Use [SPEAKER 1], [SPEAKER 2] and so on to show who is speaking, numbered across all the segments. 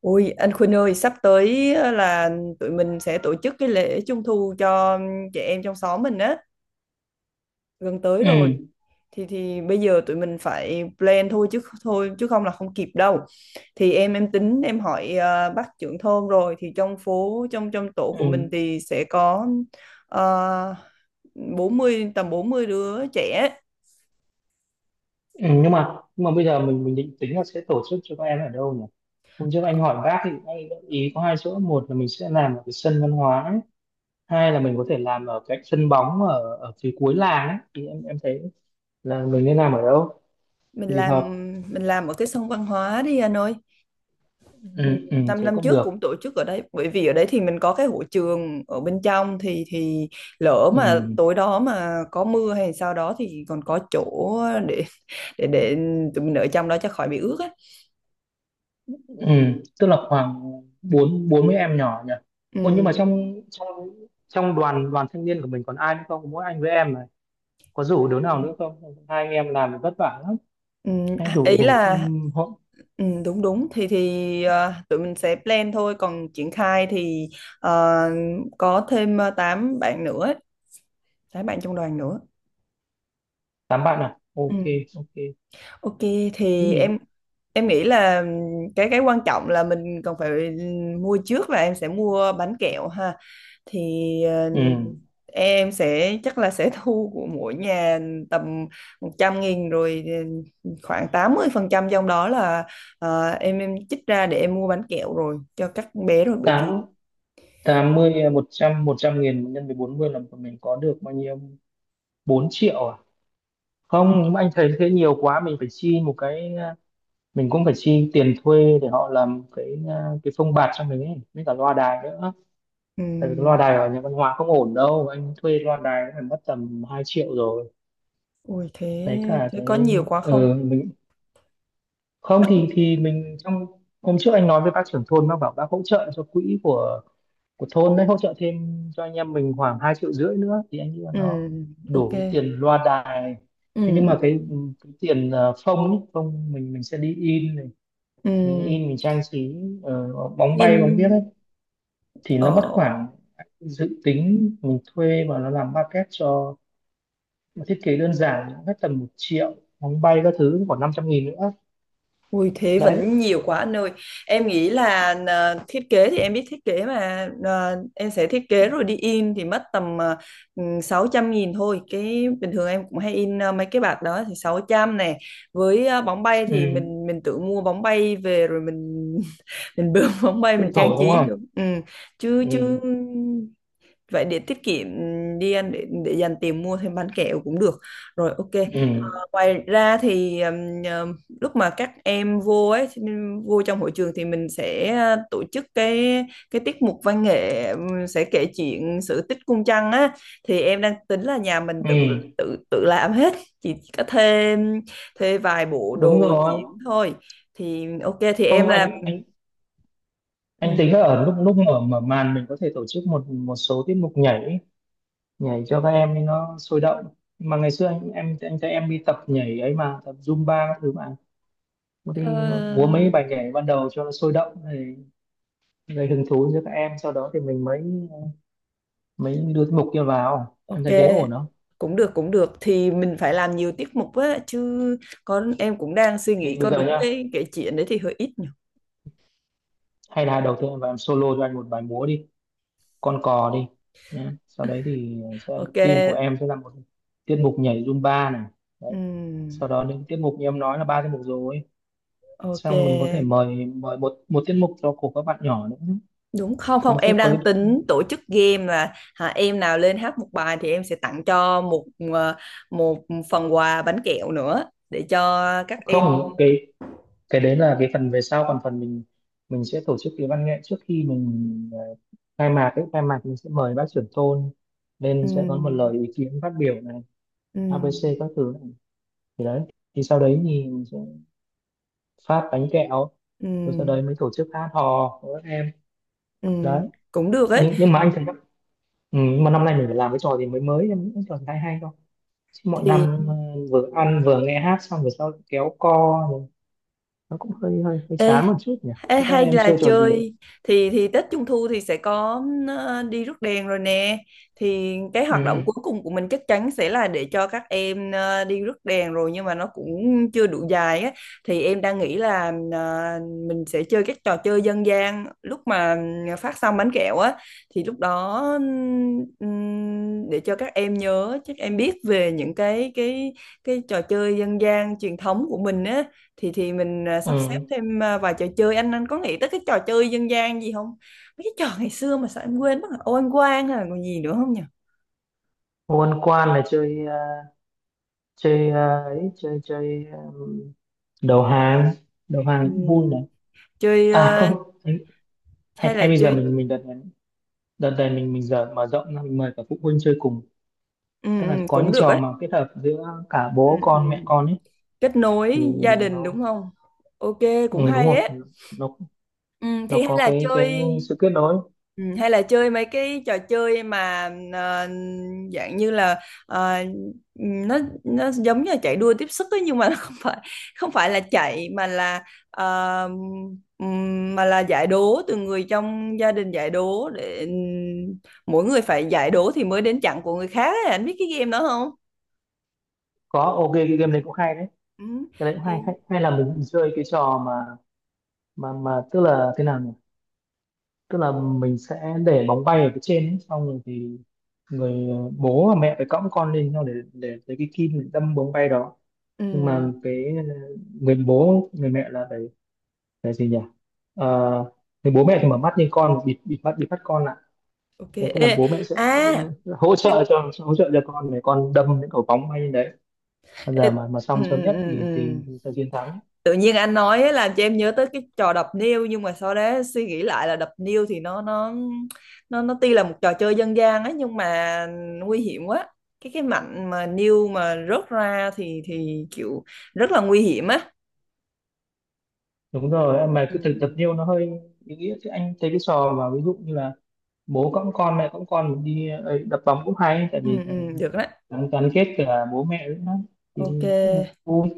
[SPEAKER 1] Ôi anh Khuynh ơi, sắp tới là tụi mình sẽ tổ chức cái lễ Trung Thu cho trẻ em trong xóm mình á, gần tới rồi.
[SPEAKER 2] Ừ,
[SPEAKER 1] Thì bây giờ tụi mình phải plan thôi chứ không là không kịp đâu. Thì em tính em hỏi bác trưởng thôn, rồi thì trong phố, trong trong tổ của mình
[SPEAKER 2] ừ,
[SPEAKER 1] thì sẽ có ờ, 40 tầm 40 đứa trẻ.
[SPEAKER 2] ừ. Nhưng mà bây giờ mình định tính là sẽ tổ chức cho các em ở đâu nhỉ? Hôm trước
[SPEAKER 1] Ờ,
[SPEAKER 2] anh hỏi bác thì anh gợi ý có hai chỗ. Một là mình sẽ làm ở cái sân văn hóa ấy. Hai là mình có thể làm ở cái sân bóng ở ở phía cuối làng ấy. Thì em thấy là mình nên làm ở đâu
[SPEAKER 1] Mình
[SPEAKER 2] thì
[SPEAKER 1] làm
[SPEAKER 2] hợp?
[SPEAKER 1] mình làm ở cái sân văn hóa đi anh ơi.
[SPEAKER 2] Ừ,
[SPEAKER 1] Ừ,
[SPEAKER 2] ừ,
[SPEAKER 1] năm
[SPEAKER 2] thế
[SPEAKER 1] năm
[SPEAKER 2] cũng
[SPEAKER 1] trước cũng
[SPEAKER 2] được.
[SPEAKER 1] tổ chức ở đấy, bởi vì ở đấy thì mình có cái hội trường ở bên trong, thì lỡ mà
[SPEAKER 2] Ừ,
[SPEAKER 1] tối đó mà có mưa hay sao đó thì còn có chỗ để để tụi mình ở trong đó cho khỏi bị ướt á.
[SPEAKER 2] ừ. Tức là khoảng bốn bốn mươi em nhỏ nhỉ? Ồ, nhưng
[SPEAKER 1] Ừ.
[SPEAKER 2] mà trong trong trong đoàn đoàn thanh niên của mình còn ai nữa không, mỗi anh với em này? Có rủ đứa nào nữa không? Hai anh em làm thì vất vả lắm.
[SPEAKER 1] Ừ.
[SPEAKER 2] Anh
[SPEAKER 1] Ý
[SPEAKER 2] rủ rủ
[SPEAKER 1] là,
[SPEAKER 2] thêm họ.
[SPEAKER 1] đúng đúng thì tụi mình sẽ plan thôi, còn triển khai thì ờ, có thêm tám bạn nữa, tám bạn trong đoàn nữa.
[SPEAKER 2] Tám bạn à? Ok, ok. Thế
[SPEAKER 1] Ok, thì
[SPEAKER 2] thì
[SPEAKER 1] em nghĩ là cái quan trọng là mình còn phải mua trước, là em sẽ mua bánh kẹo ha. Thì
[SPEAKER 2] ừ,
[SPEAKER 1] em sẽ, chắc là sẽ thu của mỗi nhà tầm 100.000 rồi. Khoảng 80% trong đó là em chích ra để em mua bánh kẹo rồi cho các bé, rồi bởi vì…
[SPEAKER 2] tám tám mươi à, một trăm nghìn nhân với 40 là mình có được bao nhiêu? 4 triệu à? Không, nhưng mà anh thấy thế nhiều quá, mình phải chi một cái à, mình cũng phải chi tiền thuê để họ làm cái à, cái phông bạt cho mình ấy, với cả loa đài nữa. Tại vì cái loa
[SPEAKER 1] ừm,
[SPEAKER 2] đài ở nhà văn hóa không ổn đâu, anh thuê loa đài cũng phải mất tầm 2 triệu rồi.
[SPEAKER 1] Ui thế,
[SPEAKER 2] Đấy cả
[SPEAKER 1] có
[SPEAKER 2] cái
[SPEAKER 1] nhiều quá
[SPEAKER 2] ừ,
[SPEAKER 1] không?
[SPEAKER 2] không thì mình, trong hôm trước anh nói với bác trưởng thôn, bác bảo bác hỗ trợ cho quỹ của thôn đấy hỗ trợ thêm cho anh em mình khoảng 2,5 triệu nữa thì anh nghĩ là nó
[SPEAKER 1] Ok.
[SPEAKER 2] đủ tiền loa đài. Thế
[SPEAKER 1] Ừm.
[SPEAKER 2] nhưng mà
[SPEAKER 1] Ừm.
[SPEAKER 2] cái tiền phông ấy, phông mình sẽ đi in này, mình
[SPEAKER 1] Ừm.
[SPEAKER 2] in mình trang trí ờ, bóng bay bóng biếc
[SPEAKER 1] in
[SPEAKER 2] ấy thì nó mất
[SPEAKER 1] ờ
[SPEAKER 2] khoảng, dự tính mình thuê và nó làm maquette cho, mà thiết kế đơn giản hết tầm 1 triệu, bóng bay các thứ khoảng 500.000 nữa.
[SPEAKER 1] Ui thế
[SPEAKER 2] Đấy.
[SPEAKER 1] vẫn nhiều quá anh ơi. Em nghĩ là thiết kế thì em biết thiết kế mà, em sẽ thiết kế rồi đi in thì mất tầm, 600 nghìn thôi. Cái bình thường em cũng hay in, mấy cái bạc đó thì 600 này. Với, bóng bay thì
[SPEAKER 2] Ừ,
[SPEAKER 1] mình tự mua bóng bay về rồi mình bơm bóng bay
[SPEAKER 2] tự
[SPEAKER 1] mình trang
[SPEAKER 2] thổi đúng.
[SPEAKER 1] trí được. Ừ. Chứ chứ
[SPEAKER 2] Ừ.
[SPEAKER 1] vậy để tiết kiệm đi anh, để dành tiền mua thêm bánh kẹo cũng được. Rồi, ok.
[SPEAKER 2] Ừ.
[SPEAKER 1] Ngoài ra thì lúc mà các em vô ấy, vô trong hội trường thì mình sẽ tổ chức cái, tiết mục văn nghệ, sẽ kể chuyện sự tích cung trăng á. Thì em đang tính là nhà mình tự
[SPEAKER 2] Ừ,
[SPEAKER 1] tự tự làm hết, chỉ có thuê thuê vài bộ
[SPEAKER 2] đúng
[SPEAKER 1] đồ
[SPEAKER 2] rồi.
[SPEAKER 1] diễn thôi, thì ok thì em
[SPEAKER 2] Không
[SPEAKER 1] làm.
[SPEAKER 2] anh
[SPEAKER 1] ừm,
[SPEAKER 2] tính là ở lúc lúc mở mở màn mình có thể tổ chức một một số tiết mục nhảy, nhảy cho các em ấy nó sôi động. Nhưng mà ngày xưa anh em anh thấy em đi tập nhảy ấy mà tập Zumba các thứ mà. Có đi
[SPEAKER 1] ờ,
[SPEAKER 2] múa mấy bài nhảy ban đầu cho nó sôi động thì gây hứng thú cho các em, sau đó thì mình mới mới đưa tiết mục kia vào. Em
[SPEAKER 1] ok,
[SPEAKER 2] thấy thế ổn không?
[SPEAKER 1] cũng được, cũng được, thì mình phải làm nhiều tiết mục á chứ. Con em cũng đang suy
[SPEAKER 2] Thì
[SPEAKER 1] nghĩ,
[SPEAKER 2] bây
[SPEAKER 1] có
[SPEAKER 2] giờ
[SPEAKER 1] đúng
[SPEAKER 2] nhá,
[SPEAKER 1] cái kể chuyện đấy thì hơi ít.
[SPEAKER 2] hay là đầu tiên em vào em solo cho anh một bài múa đi con cò đi nhé, sau đấy thì sẽ
[SPEAKER 1] Ok.
[SPEAKER 2] team của em sẽ là một tiết mục nhảy Zumba này. Đấy. Sau
[SPEAKER 1] ừm,
[SPEAKER 2] đó những tiết mục như em nói là ba tiết mục rồi, xong mình có thể
[SPEAKER 1] ok.
[SPEAKER 2] mời mời một một tiết mục cho của các bạn nhỏ nữa.
[SPEAKER 1] Đúng không? Không,
[SPEAKER 2] Hôm trước
[SPEAKER 1] em
[SPEAKER 2] có
[SPEAKER 1] đang
[SPEAKER 2] cái-
[SPEAKER 1] tính tổ chức game là, hả, em nào lên hát một bài thì em sẽ tặng cho một, ờ, một phần quà bánh kẹo nữa để cho các em.
[SPEAKER 2] không, cái đấy là cái phần về sau, còn phần mình sẽ tổ chức cái văn nghệ trước khi mình khai mạc ấy, khai mạc mình sẽ mời bác trưởng thôn lên sẽ có một
[SPEAKER 1] Ừm.
[SPEAKER 2] lời ý kiến phát biểu này,
[SPEAKER 1] Ừm.
[SPEAKER 2] ABC các thứ này. Thì đấy, thì sau đấy thì phát bánh kẹo, rồi sau
[SPEAKER 1] Ừm.
[SPEAKER 2] đấy mới tổ chức hát hò của các em.
[SPEAKER 1] Ừm.
[SPEAKER 2] Đấy.
[SPEAKER 1] Cũng được ấy
[SPEAKER 2] Nhưng mà anh thấy các- ừ, nhưng mà năm nay mình phải làm cái trò gì mới mới, em nghĩ cái trò gì hay hay không? Chứ mọi năm
[SPEAKER 1] thì,
[SPEAKER 2] vừa ăn vừa nghe hát xong rồi sau kéo co rồi nó cũng hơi hơi hơi
[SPEAKER 1] ê.
[SPEAKER 2] chán một chút nhỉ,
[SPEAKER 1] Ê,
[SPEAKER 2] cho các
[SPEAKER 1] hay
[SPEAKER 2] em
[SPEAKER 1] là
[SPEAKER 2] chơi trò gì?
[SPEAKER 1] chơi, thì Tết Trung Thu thì sẽ có đi rước đèn rồi nè. Thì cái hoạt động
[SPEAKER 2] Ừ,
[SPEAKER 1] cuối cùng của mình chắc chắn sẽ là để cho các em đi rước đèn rồi, nhưng mà nó cũng chưa đủ dài á. Thì em đang nghĩ là mình sẽ chơi các trò chơi dân gian lúc mà phát xong bánh kẹo á. Thì lúc đó để cho các em nhớ, chắc em biết về những cái trò chơi dân gian truyền thống của mình, thì mình sắp xếp
[SPEAKER 2] ừ.
[SPEAKER 1] thêm vài trò chơi. Anh, có nghĩ tới cái trò chơi dân gian gì không? Mấy cái trò ngày xưa mà sao em quên mất rồi? Ô ăn quan hay là còn gì nữa không nhỉ?
[SPEAKER 2] Quân quan là chơi chơi ấy chơi chơi đầu hàng, đầu
[SPEAKER 1] Ừ.
[SPEAKER 2] hàng cũng vui này.
[SPEAKER 1] Chơi,
[SPEAKER 2] À không, hay
[SPEAKER 1] hay là
[SPEAKER 2] hay bây giờ
[SPEAKER 1] chơi,
[SPEAKER 2] mình đợt này, đợt này mình giờ mở rộng ra, mình mời cả phụ huynh chơi cùng.
[SPEAKER 1] ừ,
[SPEAKER 2] Tức là
[SPEAKER 1] ừ,
[SPEAKER 2] có
[SPEAKER 1] cũng
[SPEAKER 2] những
[SPEAKER 1] được
[SPEAKER 2] trò
[SPEAKER 1] á.
[SPEAKER 2] mà kết hợp giữa cả
[SPEAKER 1] Ừ,
[SPEAKER 2] bố
[SPEAKER 1] ừ.
[SPEAKER 2] con mẹ con ấy,
[SPEAKER 1] Kết
[SPEAKER 2] thì
[SPEAKER 1] nối gia đình,
[SPEAKER 2] nó
[SPEAKER 1] đúng không? Ok,
[SPEAKER 2] ừ,
[SPEAKER 1] cũng
[SPEAKER 2] đúng
[SPEAKER 1] hay
[SPEAKER 2] rồi,
[SPEAKER 1] ấy.
[SPEAKER 2] nó
[SPEAKER 1] Ừ, thì hay
[SPEAKER 2] có
[SPEAKER 1] là
[SPEAKER 2] cái
[SPEAKER 1] chơi,
[SPEAKER 2] sự kết nối.
[SPEAKER 1] ừ, hay là chơi mấy cái trò chơi mà ờ, dạng như là, ờ, ừ, nó nó giống như là chạy đua tiếp sức ấy, nhưng mà nó không phải, là chạy mà là ờ, mà là giải đố từ người trong gia đình, giải đố để mỗi người phải giải đố thì mới đến chặng của người khác ấy. Anh biết cái game đó không?
[SPEAKER 2] Có ok, cái game đấy cũng hay đấy.
[SPEAKER 1] Ừ,
[SPEAKER 2] Cái đấy cũng hay
[SPEAKER 1] thì
[SPEAKER 2] hay, hay là mình chơi cái trò mà tức là thế nào nhỉ, tức là mình sẽ để bóng bay ở phía trên ấy, xong rồi thì người bố và mẹ phải cõng con lên nhau để lấy cái kim để đâm bóng bay đó. Nhưng
[SPEAKER 1] ừ,
[SPEAKER 2] mà cái người bố người mẹ là phải phải gì nhỉ? Ờ, người bố mẹ thì mở mắt nhưng con bịt, bịt mắt con lại.
[SPEAKER 1] ok.
[SPEAKER 2] Đấy, tức là
[SPEAKER 1] Ê,
[SPEAKER 2] bố mẹ sẽ
[SPEAKER 1] à
[SPEAKER 2] hỗ trợ
[SPEAKER 1] cái-
[SPEAKER 2] cho con để con đâm những cầu bóng hay như đấy. Bây
[SPEAKER 1] ê,
[SPEAKER 2] giờ mà
[SPEAKER 1] ừ,
[SPEAKER 2] xong sớm
[SPEAKER 1] ừ,
[SPEAKER 2] nhất
[SPEAKER 1] ừ,
[SPEAKER 2] thì
[SPEAKER 1] ừ.
[SPEAKER 2] thì sẽ chiến thắng.
[SPEAKER 1] Tự nhiên anh nói ấy làm cho em nhớ tới cái trò đập niêu, nhưng mà sau đó suy nghĩ lại là đập niêu thì nó tuy là một trò chơi dân gian ấy nhưng mà nguy hiểm quá. Cái mảnh mà niêu mà rớt ra thì kiểu rất là nguy hiểm á.
[SPEAKER 2] Đúng rồi, mà
[SPEAKER 1] Ừ.
[SPEAKER 2] cứ thực tập nhiều nó hơi ý nghĩa. Chứ anh thấy cái trò mà ví dụ như là bố cõng con mẹ cõng con mình đi ấy, đập bóng cũng hay tại
[SPEAKER 1] Ừ,
[SPEAKER 2] vì
[SPEAKER 1] ừ, được đó.
[SPEAKER 2] gắn gắn kết cả bố mẹ nữa thì
[SPEAKER 1] Ok,
[SPEAKER 2] cũng vui.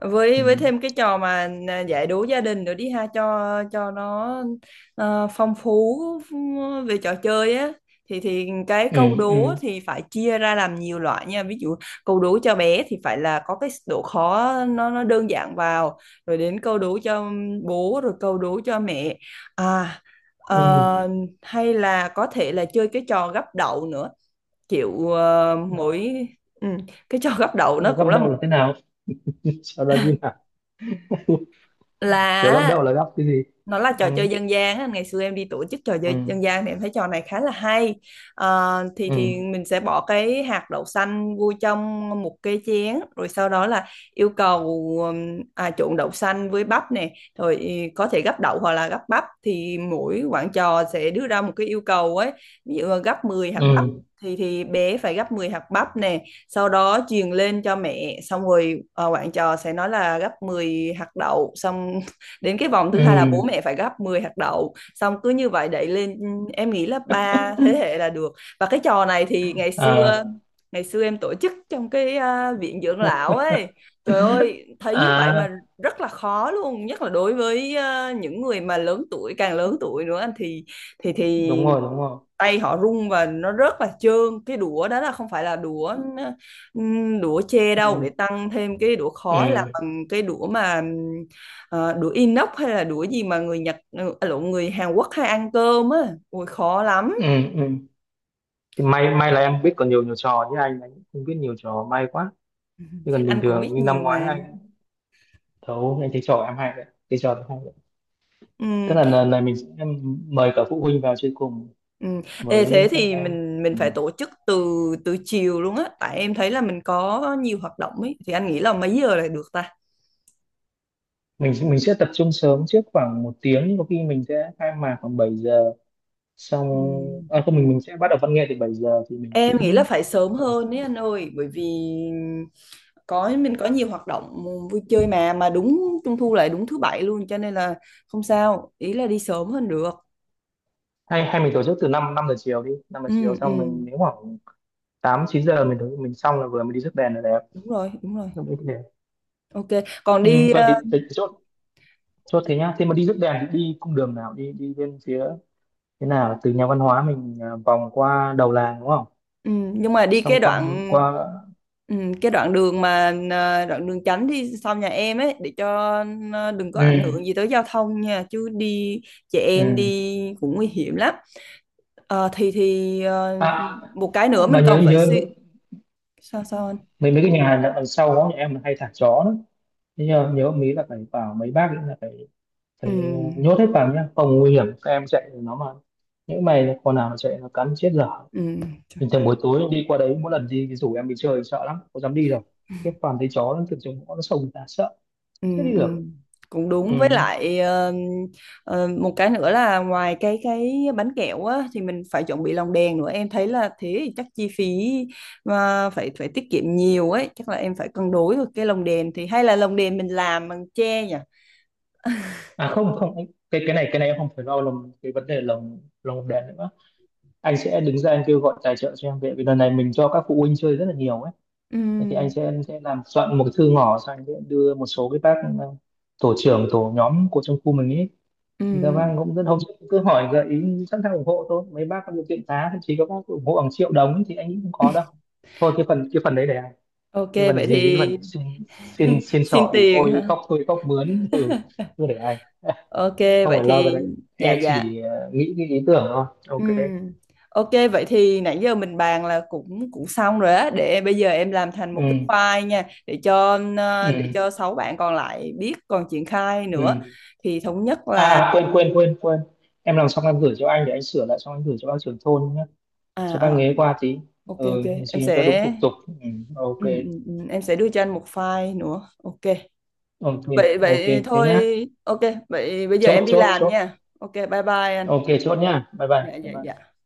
[SPEAKER 1] với
[SPEAKER 2] Ừ.
[SPEAKER 1] với thêm cái trò mà giải đố gia đình nữa đi ha, cho nó phong phú về trò chơi á. Thì cái câu
[SPEAKER 2] Ừ,
[SPEAKER 1] đố
[SPEAKER 2] ừ,
[SPEAKER 1] thì phải chia ra làm nhiều loại nha, ví dụ câu đố cho bé thì phải là có cái độ khó, nó đơn giản vào, rồi đến câu đố cho bố, rồi câu đố cho mẹ. à
[SPEAKER 2] ừ.
[SPEAKER 1] ờ, Hay là có thể là chơi cái trò gắp đậu nữa, kiểu
[SPEAKER 2] Gấp,
[SPEAKER 1] mỗi, ừ, cái trò gắp đậu nó cũng
[SPEAKER 2] gấp
[SPEAKER 1] là,
[SPEAKER 2] đâu là thế nào, sau đó như nào? Kiểu gấp
[SPEAKER 1] là
[SPEAKER 2] đâu là gấp cái gì?
[SPEAKER 1] nó là
[SPEAKER 2] Ừ,
[SPEAKER 1] trò chơi dân gian á. Ngày xưa em đi tổ chức trò
[SPEAKER 2] ừ,
[SPEAKER 1] chơi dân gian thì em thấy trò này khá là hay. Ờ, thì
[SPEAKER 2] ừ,
[SPEAKER 1] thì mình sẽ bỏ cái hạt đậu xanh vô trong một cái chén rồi sau đó là yêu cầu trộn đậu xanh với bắp nè, rồi, có thể gắp đậu hoặc là gắp bắp, thì mỗi quản trò sẽ đưa ra một cái yêu cầu ấy, ví dụ là gắp 10 hạt bắp,
[SPEAKER 2] ừ,
[SPEAKER 1] thì bé phải gắp 10 hạt bắp nè, sau đó truyền lên cho mẹ. Xong rồi bạn trò sẽ nói là gấp 10 hạt đậu, xong đến cái vòng thứ hai là
[SPEAKER 2] ừ.
[SPEAKER 1] bố mẹ phải gấp 10 hạt đậu, xong cứ như vậy đẩy lên. Ừ, em nghĩ là ba thế hệ là được. Và cái trò này thì ngày xưa,
[SPEAKER 2] À,
[SPEAKER 1] em tổ chức trong cái, viện dưỡng lão ấy. Trời ơi, thấy như vậy mà
[SPEAKER 2] à,
[SPEAKER 1] rất là khó luôn, nhất là đối với những người mà lớn tuổi, càng lớn tuổi nữa thì
[SPEAKER 2] đúng rồi, đúng rồi.
[SPEAKER 1] tay họ run và nó rất là trơn. Cái đũa đó là không phải là đũa đũa tre đâu, để
[SPEAKER 2] Ừ,
[SPEAKER 1] tăng thêm cái đũa khói là
[SPEAKER 2] ừ,
[SPEAKER 1] bằng cái đũa mà đũa inox, hay là đũa gì mà người Nhật, lộn, người Hàn Quốc hay ăn cơm á. Ui khó lắm.
[SPEAKER 2] ừ, ừ. Thì may là em biết còn nhiều nhiều trò, chứ anh cũng không biết nhiều trò, may quá. Chứ còn bình
[SPEAKER 1] Anh cũng
[SPEAKER 2] thường
[SPEAKER 1] biết
[SPEAKER 2] như
[SPEAKER 1] nhiều
[SPEAKER 2] năm ngoái
[SPEAKER 1] mà.
[SPEAKER 2] anh thấu, anh thấy trò em hay đấy, cái trò đấy hay đấy. Tức
[SPEAKER 1] Ừm.
[SPEAKER 2] là lần này mình sẽ mời cả phụ huynh vào chơi cùng
[SPEAKER 1] Ừm. Ê, thế
[SPEAKER 2] với các
[SPEAKER 1] thì
[SPEAKER 2] em.
[SPEAKER 1] mình
[SPEAKER 2] Ừ.
[SPEAKER 1] phải tổ chức từ, chiều luôn á, tại em thấy là mình có nhiều hoạt động ấy, thì anh nghĩ là mấy giờ là được ta?
[SPEAKER 2] mình sẽ tập trung sớm trước khoảng một tiếng, có khi mình sẽ khai mạc khoảng 7 giờ xong.
[SPEAKER 1] Ừm.
[SPEAKER 2] À, không, mình sẽ bắt đầu văn nghệ từ 7 giờ thì mình phải
[SPEAKER 1] Em nghĩ là
[SPEAKER 2] đến
[SPEAKER 1] phải sớm
[SPEAKER 2] tầm-.
[SPEAKER 1] hơn đấy anh ơi, bởi vì mình có nhiều hoạt động vui chơi, mà đúng Trung Thu lại đúng thứ bảy luôn cho nên là không sao, ý là đi sớm hơn được.
[SPEAKER 2] Hay hay mình tổ chức từ 5, năm năm giờ chiều đi, 5 giờ chiều
[SPEAKER 1] Ừ.
[SPEAKER 2] xong
[SPEAKER 1] Ừ,
[SPEAKER 2] mình nếu khoảng 8, 9 giờ mình tới- mình xong là vừa mới đi rước đèn là đẹp.
[SPEAKER 1] đúng rồi, đúng rồi.
[SPEAKER 2] Lúc đấy thì đẹp.
[SPEAKER 1] Ok, còn
[SPEAKER 2] Ừ,
[SPEAKER 1] đi
[SPEAKER 2] vậy thì chốt, chốt thế nhá. Thế mà đi rước đèn thì đi cung đường nào, đi đi bên phía thế nào, từ nhà văn hóa mình à, vòng qua đầu làng đúng không?
[SPEAKER 1] ừ, nhưng mà đi
[SPEAKER 2] Xong
[SPEAKER 1] cái
[SPEAKER 2] qua
[SPEAKER 1] đoạn,
[SPEAKER 2] qua.
[SPEAKER 1] ừ, cái đoạn đường mà đoạn đường tránh đi sau nhà em ấy, để cho đừng có ảnh hưởng
[SPEAKER 2] Ừ,
[SPEAKER 1] gì tới giao thông nha, chứ đi chị em
[SPEAKER 2] ừ.
[SPEAKER 1] đi cũng nguy hiểm lắm. Ờ,
[SPEAKER 2] À,
[SPEAKER 1] một cái nữa
[SPEAKER 2] mà
[SPEAKER 1] mình còn
[SPEAKER 2] nhớ
[SPEAKER 1] phải
[SPEAKER 2] nhớ
[SPEAKER 1] suy… Sao sao anh?
[SPEAKER 2] mấy mấy cái nhà hàng đằng sau đó nhà em hay thả chó đó, thế nhớ nhớ mấy là phải vào mấy bác ấy là phải
[SPEAKER 1] Ừ.
[SPEAKER 2] phải nhốt hết vào nhá, không nguy hiểm các em chạy nó mà, những mày còn nào mà chạy nó cắn chết dở.
[SPEAKER 1] Ừ. Trời.
[SPEAKER 2] Bình thường buổi tối đi qua đấy, mỗi lần đi rủ em đi chơi sợ lắm có dám đi đâu, khiếp, toàn thấy chó nó từ trong ngõ nó sông người ta sợ
[SPEAKER 1] Ừ.
[SPEAKER 2] chết đi
[SPEAKER 1] Ừ.
[SPEAKER 2] được.
[SPEAKER 1] Cũng
[SPEAKER 2] Ừ.
[SPEAKER 1] đúng, với lại một cái nữa là ngoài cái bánh kẹo á thì mình phải chuẩn bị lòng đèn nữa, em thấy là thế thì chắc chi phí mà phải phải tiết kiệm nhiều ấy, chắc là em phải cân đối được. Cái lồng đèn thì hay là lồng đèn mình làm bằng tre nhỉ?
[SPEAKER 2] À không không anh-, cái này em không phải lo lồng, cái vấn đề lồng lồng đèn nữa. Anh sẽ đứng ra anh kêu gọi tài trợ cho em, về vì lần này mình cho các phụ huynh chơi rất là nhiều ấy.
[SPEAKER 1] Ừ.
[SPEAKER 2] Thế thì anh sẽ làm soạn một cái thư ngỏ, xong anh sẽ đưa một số cái bác tổ trưởng tổ nhóm của trong khu mình ấy.
[SPEAKER 1] Ừ.
[SPEAKER 2] Dạ vâng, cũng rất, hôm trước cứ hỏi gợi ý sẵn sàng ủng hộ thôi. Mấy bác có điều kiện giá thậm chí có bác ủng hộ bằng triệu đồng thì anh nghĩ không có đâu. Thôi cái phần, cái phần đấy để anh.
[SPEAKER 1] Ok
[SPEAKER 2] Cái phần
[SPEAKER 1] vậy
[SPEAKER 2] gì, cái
[SPEAKER 1] thì.
[SPEAKER 2] phần xin, xin xin
[SPEAKER 1] Xin
[SPEAKER 2] xỏ ỉ
[SPEAKER 1] tiền
[SPEAKER 2] ôi,
[SPEAKER 1] hả?
[SPEAKER 2] khóc thôi khóc mướn, ừ, cứ để anh.
[SPEAKER 1] Ok,
[SPEAKER 2] Không
[SPEAKER 1] vậy
[SPEAKER 2] phải lo cái
[SPEAKER 1] thì,
[SPEAKER 2] đấy.
[SPEAKER 1] dạ
[SPEAKER 2] Em
[SPEAKER 1] dạ.
[SPEAKER 2] chỉ nghĩ cái ý tưởng thôi. Ok.
[SPEAKER 1] Ừm. Ok, vậy thì nãy giờ mình bàn là cũng cũng xong rồi á, để bây giờ em làm thành
[SPEAKER 2] Ừ
[SPEAKER 1] một cái file nha, để cho
[SPEAKER 2] ừ
[SPEAKER 1] để cho sáu bạn còn lại biết còn triển khai nữa.
[SPEAKER 2] ừ.
[SPEAKER 1] Thì thống nhất là,
[SPEAKER 2] À, quên quên quên quên. Em làm xong em gửi cho anh để anh sửa lại, xong anh gửi cho bác trưởng thôn nhé. Cho bác
[SPEAKER 1] à, à
[SPEAKER 2] nghế qua tí.
[SPEAKER 1] ok,
[SPEAKER 2] Ừ,
[SPEAKER 1] ok, em
[SPEAKER 2] xin cho đúng
[SPEAKER 1] sẽ,
[SPEAKER 2] thủ tục. Ừ, ok.
[SPEAKER 1] ừ, em sẽ đưa cho anh một file nữa. Ok.
[SPEAKER 2] Ok
[SPEAKER 1] Vậy
[SPEAKER 2] ok
[SPEAKER 1] vậy
[SPEAKER 2] thế
[SPEAKER 1] thôi,
[SPEAKER 2] nhá.
[SPEAKER 1] ok, vậy bây giờ
[SPEAKER 2] Chốt
[SPEAKER 1] em đi
[SPEAKER 2] chốt
[SPEAKER 1] làm
[SPEAKER 2] chốt.
[SPEAKER 1] nha. Ok, bye bye anh.
[SPEAKER 2] Ok chốt nhá, bye bye
[SPEAKER 1] Dạ,
[SPEAKER 2] bye
[SPEAKER 1] dạ,
[SPEAKER 2] bye.
[SPEAKER 1] dạ.